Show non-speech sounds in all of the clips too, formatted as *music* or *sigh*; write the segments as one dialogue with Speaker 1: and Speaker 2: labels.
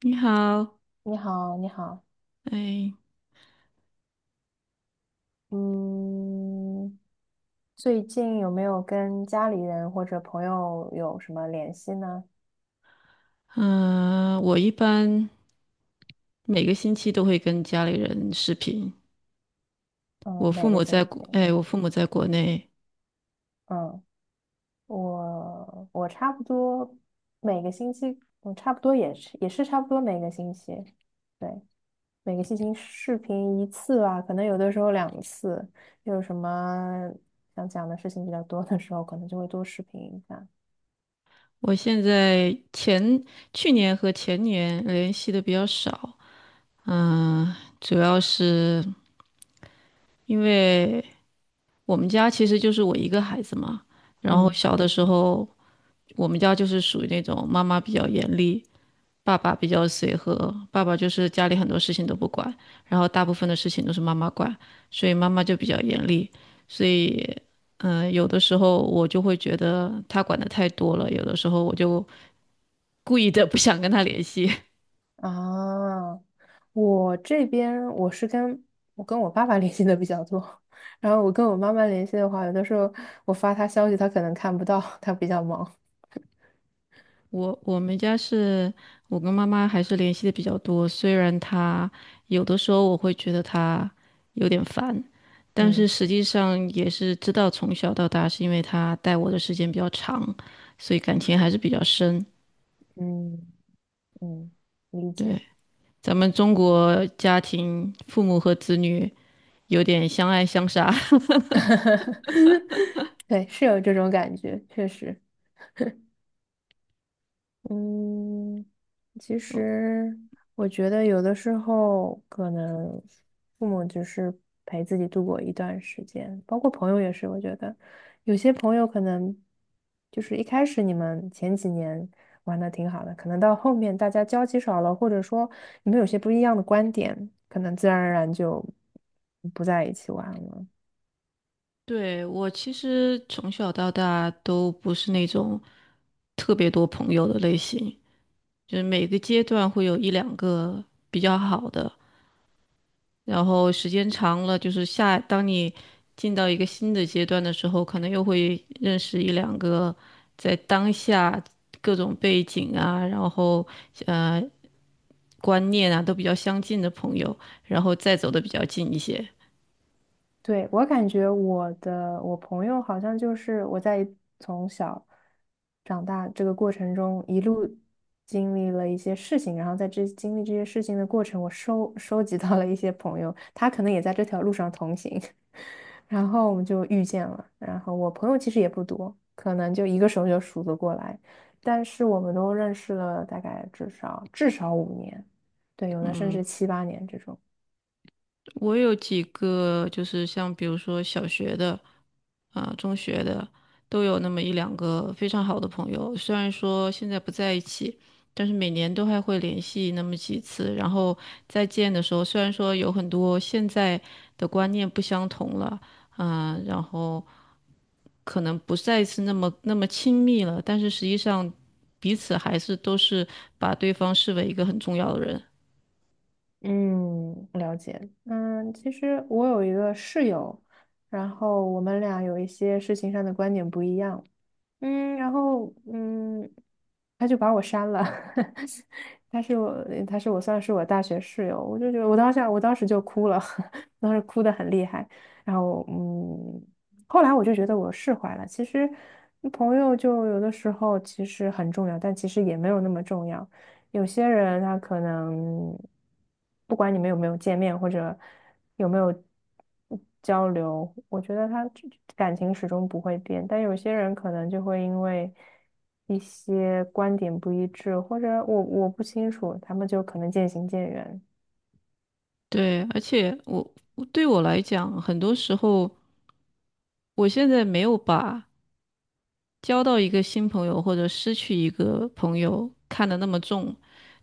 Speaker 1: 你好，
Speaker 2: 你好，你好。
Speaker 1: 哎，
Speaker 2: 嗯，最近有没有跟家里人或者朋友有什么联系呢？
Speaker 1: 嗯、我一般每个星期都会跟家里人视频。
Speaker 2: 嗯，每个星期，
Speaker 1: 我父母在国内。
Speaker 2: 嗯，我差不多每个星期，我差不多也是差不多每个星期，对，每个星期视频一次吧，可能有的时候两次，有什么想讲的事情比较多的时候，可能就会多视频一下。
Speaker 1: 我现在前去年和前年联系的比较少，嗯、主要是因为我们家其实就是我一个孩子嘛。然后
Speaker 2: 嗯。
Speaker 1: 小的时候，我们家就是属于那种妈妈比较严厉，爸爸比较随和，爸爸就是家里很多事情都不管，然后大部分的事情都是妈妈管，所以妈妈就比较严厉。所以，有的时候我就会觉得他管的太多了，有的时候我就故意的 *laughs* 不想跟他联系。*laughs*
Speaker 2: 啊，我这边我跟我爸爸 *laughs* 联系的比较多，*laughs* 然后我跟我妈妈联系的话，有的时候我发她消息，她可能看不到，她比较忙。
Speaker 1: 我们家是我跟妈妈还是联系的比较多，虽然她有的时候我会觉得她有点烦，但是
Speaker 2: 嗯
Speaker 1: 实际上也是知道从小到大是因为她带我的时间比较长，所以感情还是比较深。
Speaker 2: 嗯嗯，理
Speaker 1: 对，
Speaker 2: 解。
Speaker 1: 咱们中国家庭，父母和子女有点相爱相杀。
Speaker 2: *laughs* 对，是有这种感觉，确实。嗯，其实我觉得有的时候可能父母只是陪自己度过一段时间，包括朋友也是。我觉得有些朋友可能就是一开始你们前几年玩的挺好的，可能到后面大家交集少了，或者说你们有些不一样的观点，可能自然而然就不在一起玩了。
Speaker 1: *laughs* 对，我其实从小到大都不是那种特别多朋友的类型，就是每个阶段会有一两个比较好的，然后时间长了，就是下，当你进到一个新的阶段的时候，可能又会认识一两个在当下各种背景啊，然后呃观念啊都比较相近的朋友，然后再走的比较近一些。
Speaker 2: 对，我感觉我朋友好像就是我在从小长大这个过程中一路经历了一些事情，然后在这经历这些事情的过程，我收集到了一些朋友，他可能也在这条路上同行，*laughs* 然后我们就遇见了。然后我朋友其实也不多，可能就一个手就数得过来，但是我们都认识了大概至少五年，对，有的甚
Speaker 1: 嗯，
Speaker 2: 至七八年这种。
Speaker 1: 我有几个就是像比如说小学的啊、中学的，都有那么一两个非常好的朋友，虽然说现在不在一起。但是每年都还会联系那么几次，然后再见的时候，虽然说有很多现在的观念不相同了，啊、然后可能不再是那么亲密了，但是实际上彼此还是都是把对方视为一个很重要的人。
Speaker 2: 嗯，了解。嗯，其实我有一个室友，然后我们俩有一些事情上的观点不一样。嗯，然后嗯，他就把我删了。*laughs* 他是我算是我大学室友，我就觉得我当时就哭了，*laughs* 当时哭得很厉害。然后嗯，后来我就觉得我释怀了。其实朋友就有的时候其实很重要，但其实也没有那么重要。有些人他可能不管你们有没有见面，或者。有没有交流，我觉得他感情始终不会变。但有些人可能就会因为一些观点不一致，或者我不清楚，他们就可能渐行渐远。
Speaker 1: 对，而且我对我来讲，很多时候我现在没有把交到一个新朋友或者失去一个朋友看得那么重，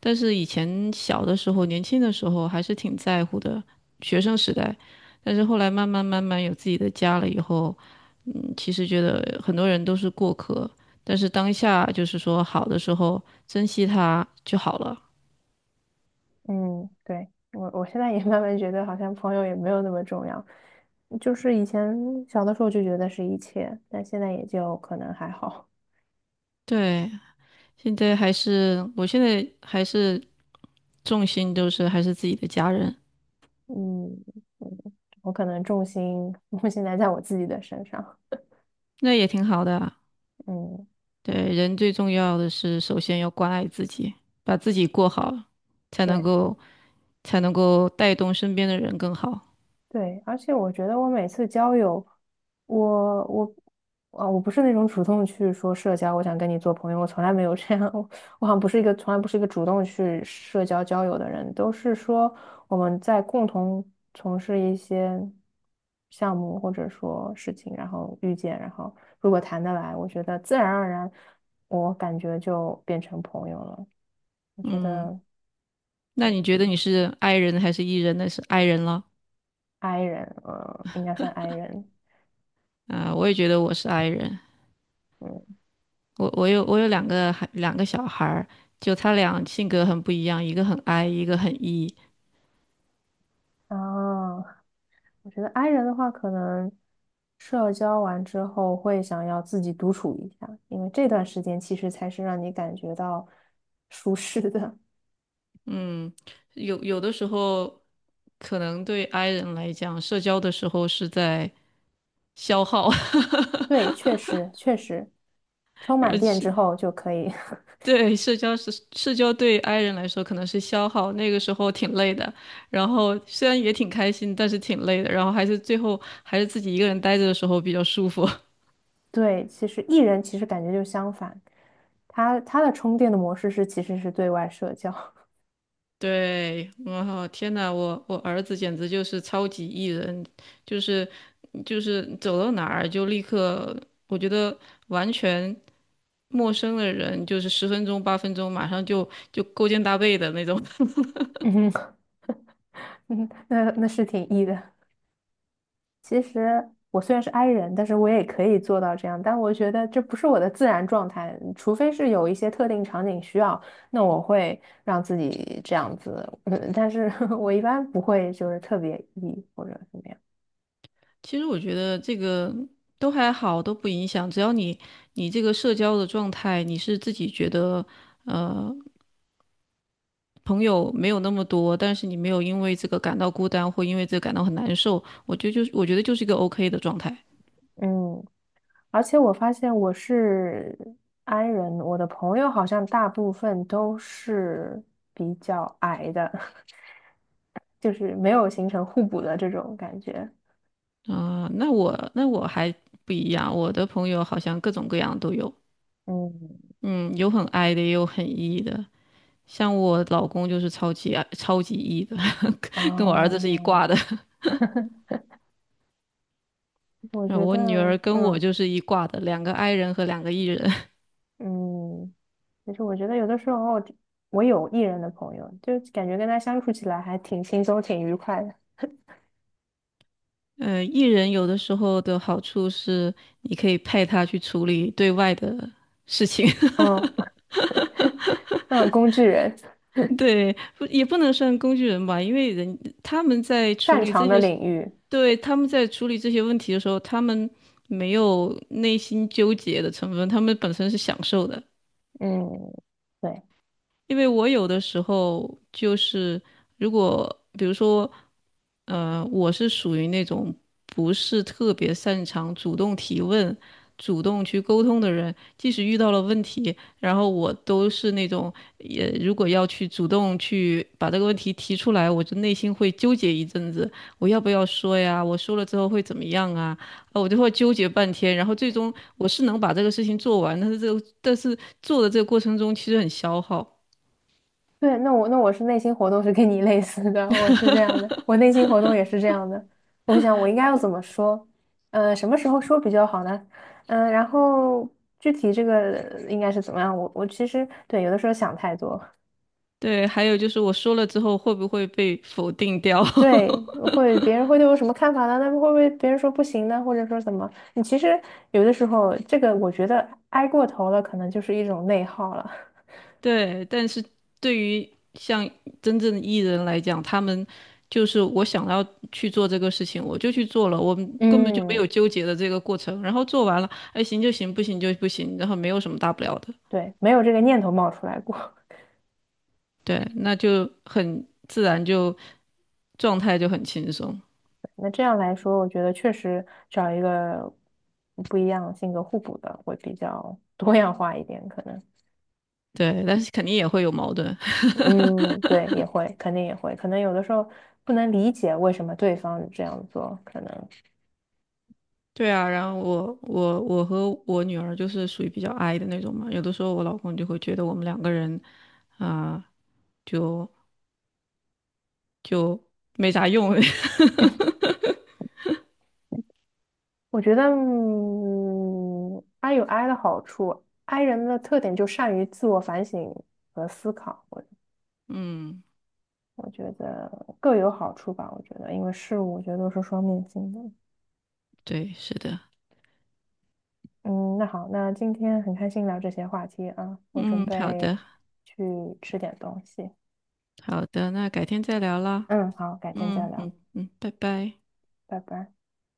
Speaker 1: 但是以前小的时候、年轻的时候还是挺在乎的，学生时代。但是后来慢慢有自己的家了以后，嗯，其实觉得很多人都是过客，但是当下就是说好的时候珍惜他就好了。
Speaker 2: 嗯，对，我现在也慢慢觉得好像朋友也没有那么重要，就是以前小的时候就觉得是一切，但现在也就可能还好。
Speaker 1: 对，现在还是，我现在还是重心都是还是自己的家人，
Speaker 2: 嗯。嗯，我可能重心 *laughs* 现在在我自己的身上。
Speaker 1: 那也挺好的。
Speaker 2: 嗯。
Speaker 1: 对，人最重要的是，首先要关爱自己，把自己过好，才能
Speaker 2: 对。
Speaker 1: 够才能够带动身边的人更好。
Speaker 2: 对，而且我觉得我每次交友，我我啊，我不是那种主动去说社交，我想跟你做朋友，我从来没有这样，*laughs* 我我好像不是一个从来不是一个主动去社交交友的人，都是说我们在共同从事一些项目或者说事情，然后遇见，然后如果谈得来，我觉得自然而然，我感觉就变成朋友了。我觉
Speaker 1: 嗯，
Speaker 2: 得
Speaker 1: 那你觉得你是 I 人还是 E 人呢？是 I 人了
Speaker 2: I 人，嗯，应该算 I 人，
Speaker 1: 啊，我也觉得我是 I 人。
Speaker 2: 嗯。
Speaker 1: 我有两个小孩儿，就他俩性格很不一样，一个很 I，一个很 E。
Speaker 2: 啊，我觉得 i 人的话，可能社交完之后会想要自己独处一下，因为这段时间其实才是让你感觉到舒适的。
Speaker 1: 嗯，有的时候可能对 I 人来讲，社交的时候是在消耗。
Speaker 2: *laughs*
Speaker 1: *laughs*
Speaker 2: 对，确实，充
Speaker 1: 而
Speaker 2: 满电
Speaker 1: 且
Speaker 2: 之后就可以。
Speaker 1: 对，社交对 i 人来说可能是消耗，那个时候挺累的，然后虽然也挺开心，但是挺累的，然后还是最后还是自己一个人待着的时候比较舒服。
Speaker 2: *laughs* 对，其实 E 人其实感觉就相反，他的充电的模式是其实是对外社交。
Speaker 1: *laughs* 对，我天呐，我儿子简直就是超级 E 人，就是就是走到哪儿就立刻，我觉得完全陌生的人，就是十分钟八分钟马上就勾肩搭背的那种。
Speaker 2: *laughs* 嗯。嗯，那是挺 E 的。其实我虽然是 i 人，但是我也可以做到这样。但我觉得这不是我的自然状态，除非是有一些特定场景需要，那我会让自己这样子。嗯，但是 *laughs* 我一般不会就是特别 E 或者怎么样。
Speaker 1: 其实我觉得这个都还好，都不影响。只要你这个社交的状态，你是自己觉得朋友没有那么多，但是你没有因为这个感到孤单或因为这个感到很难受，我觉得就是一个 OK 的状态。
Speaker 2: 嗯，而且我发现我是 i 人，我的朋友好像大部分都是比较矮的，*laughs* 就是没有形成互补的这种感觉。
Speaker 1: 啊、那我还不一样，我的朋友好像各种各样都有，
Speaker 2: 嗯。
Speaker 1: 嗯，有很 I 的，也有很 E 的。像我老公就是超级 E 的，*laughs* 跟我儿子是一
Speaker 2: 哦。
Speaker 1: 挂的，
Speaker 2: *laughs*
Speaker 1: *laughs*
Speaker 2: 我
Speaker 1: 然后
Speaker 2: 觉
Speaker 1: 我
Speaker 2: 得，
Speaker 1: 女儿跟我
Speaker 2: 嗯。
Speaker 1: 就是一挂的，两个 I 人和两个 E 人。
Speaker 2: 嗯，其实我觉得有的时候，我有 E 人的朋友，就感觉跟他相处起来还挺轻松、挺愉快的。
Speaker 1: 呃，艺人有的时候的好处是，你可以派他去处理对外的事情。
Speaker 2: 嗯。嗯，*laughs* 工具人，
Speaker 1: *laughs* 对，不不能算工具人吧，因为人他们在处
Speaker 2: 擅
Speaker 1: 理这
Speaker 2: 长的
Speaker 1: 些，
Speaker 2: 领域，
Speaker 1: 对，他们在处理这些问题的时候，他们没有内心纠结的成分，他们本身是享受的。
Speaker 2: 嗯，对。
Speaker 1: 因为我有的时候就是，如果比如说，我是属于那种不是特别擅长主动提问、主动去沟通的人，即使遇到了问题，然后我都是那种，也如果要去主动去把这个问题提出来，我就内心会纠结一阵子，我要不要说呀？我说了之后会怎么样啊？啊，我就会纠结半天，然后最终我是能把这个事情做完，但是做的这个过程中其实很消耗。
Speaker 2: 对，那我是内心活动是跟你类似的，我是这样的，我内心活动也是这样的。我想我应该要怎么说？什么时候说比较好呢？嗯、然后具体这个应该是怎么样？我我其实对有的时候想太多。
Speaker 1: 对，还有就是我说了之后会不会被否定掉？
Speaker 2: 对，会别
Speaker 1: *laughs*
Speaker 2: 人会对我什么看法呢？那会不会别人说不行呢？或者说怎么？你其实有的时候，这个我觉得挨过头了，可能就是一种内耗了。
Speaker 1: 对，但是对于像真正的艺人来讲，他们就是我想要去做这个事情，我就去做了，我们
Speaker 2: *laughs*
Speaker 1: 根本就没有
Speaker 2: 嗯，
Speaker 1: 纠结的这个过程。然后做完了，哎，行就行，不行就不行，然后没有什么大不了的。
Speaker 2: 对，没有这个念头冒出来过。
Speaker 1: 对，那就很自然就，状态就很轻松。
Speaker 2: *laughs* 那这样来说，我觉得确实找一个不一样性格互补的会比较多样化一点，可能。
Speaker 1: 对，但是肯定也会有矛盾。
Speaker 2: 嗯，对，也会，肯定也会，可能有的时候不能理解为什么对方这样做，可能。
Speaker 1: 对啊，然后我我和我女儿就是属于比较 i 的那种嘛，有的时候我老公就会觉得我们两个人啊、就就没啥用。*laughs*
Speaker 2: 我觉得，嗯，I 有 I 的好处，I 人的特点就善于自我反省和思考，我
Speaker 1: 嗯，
Speaker 2: 我觉得各有好处吧。我觉得，因为事物我觉得都是双面性的。
Speaker 1: 对，是的，
Speaker 2: 嗯，那好，那今天很开心聊这些话题啊，我准
Speaker 1: 嗯，好的，
Speaker 2: 备去吃点东西。
Speaker 1: 好的，那改天再聊啦。
Speaker 2: 嗯，好，改天再
Speaker 1: 嗯嗯
Speaker 2: 聊，
Speaker 1: 嗯，拜拜。
Speaker 2: 拜拜。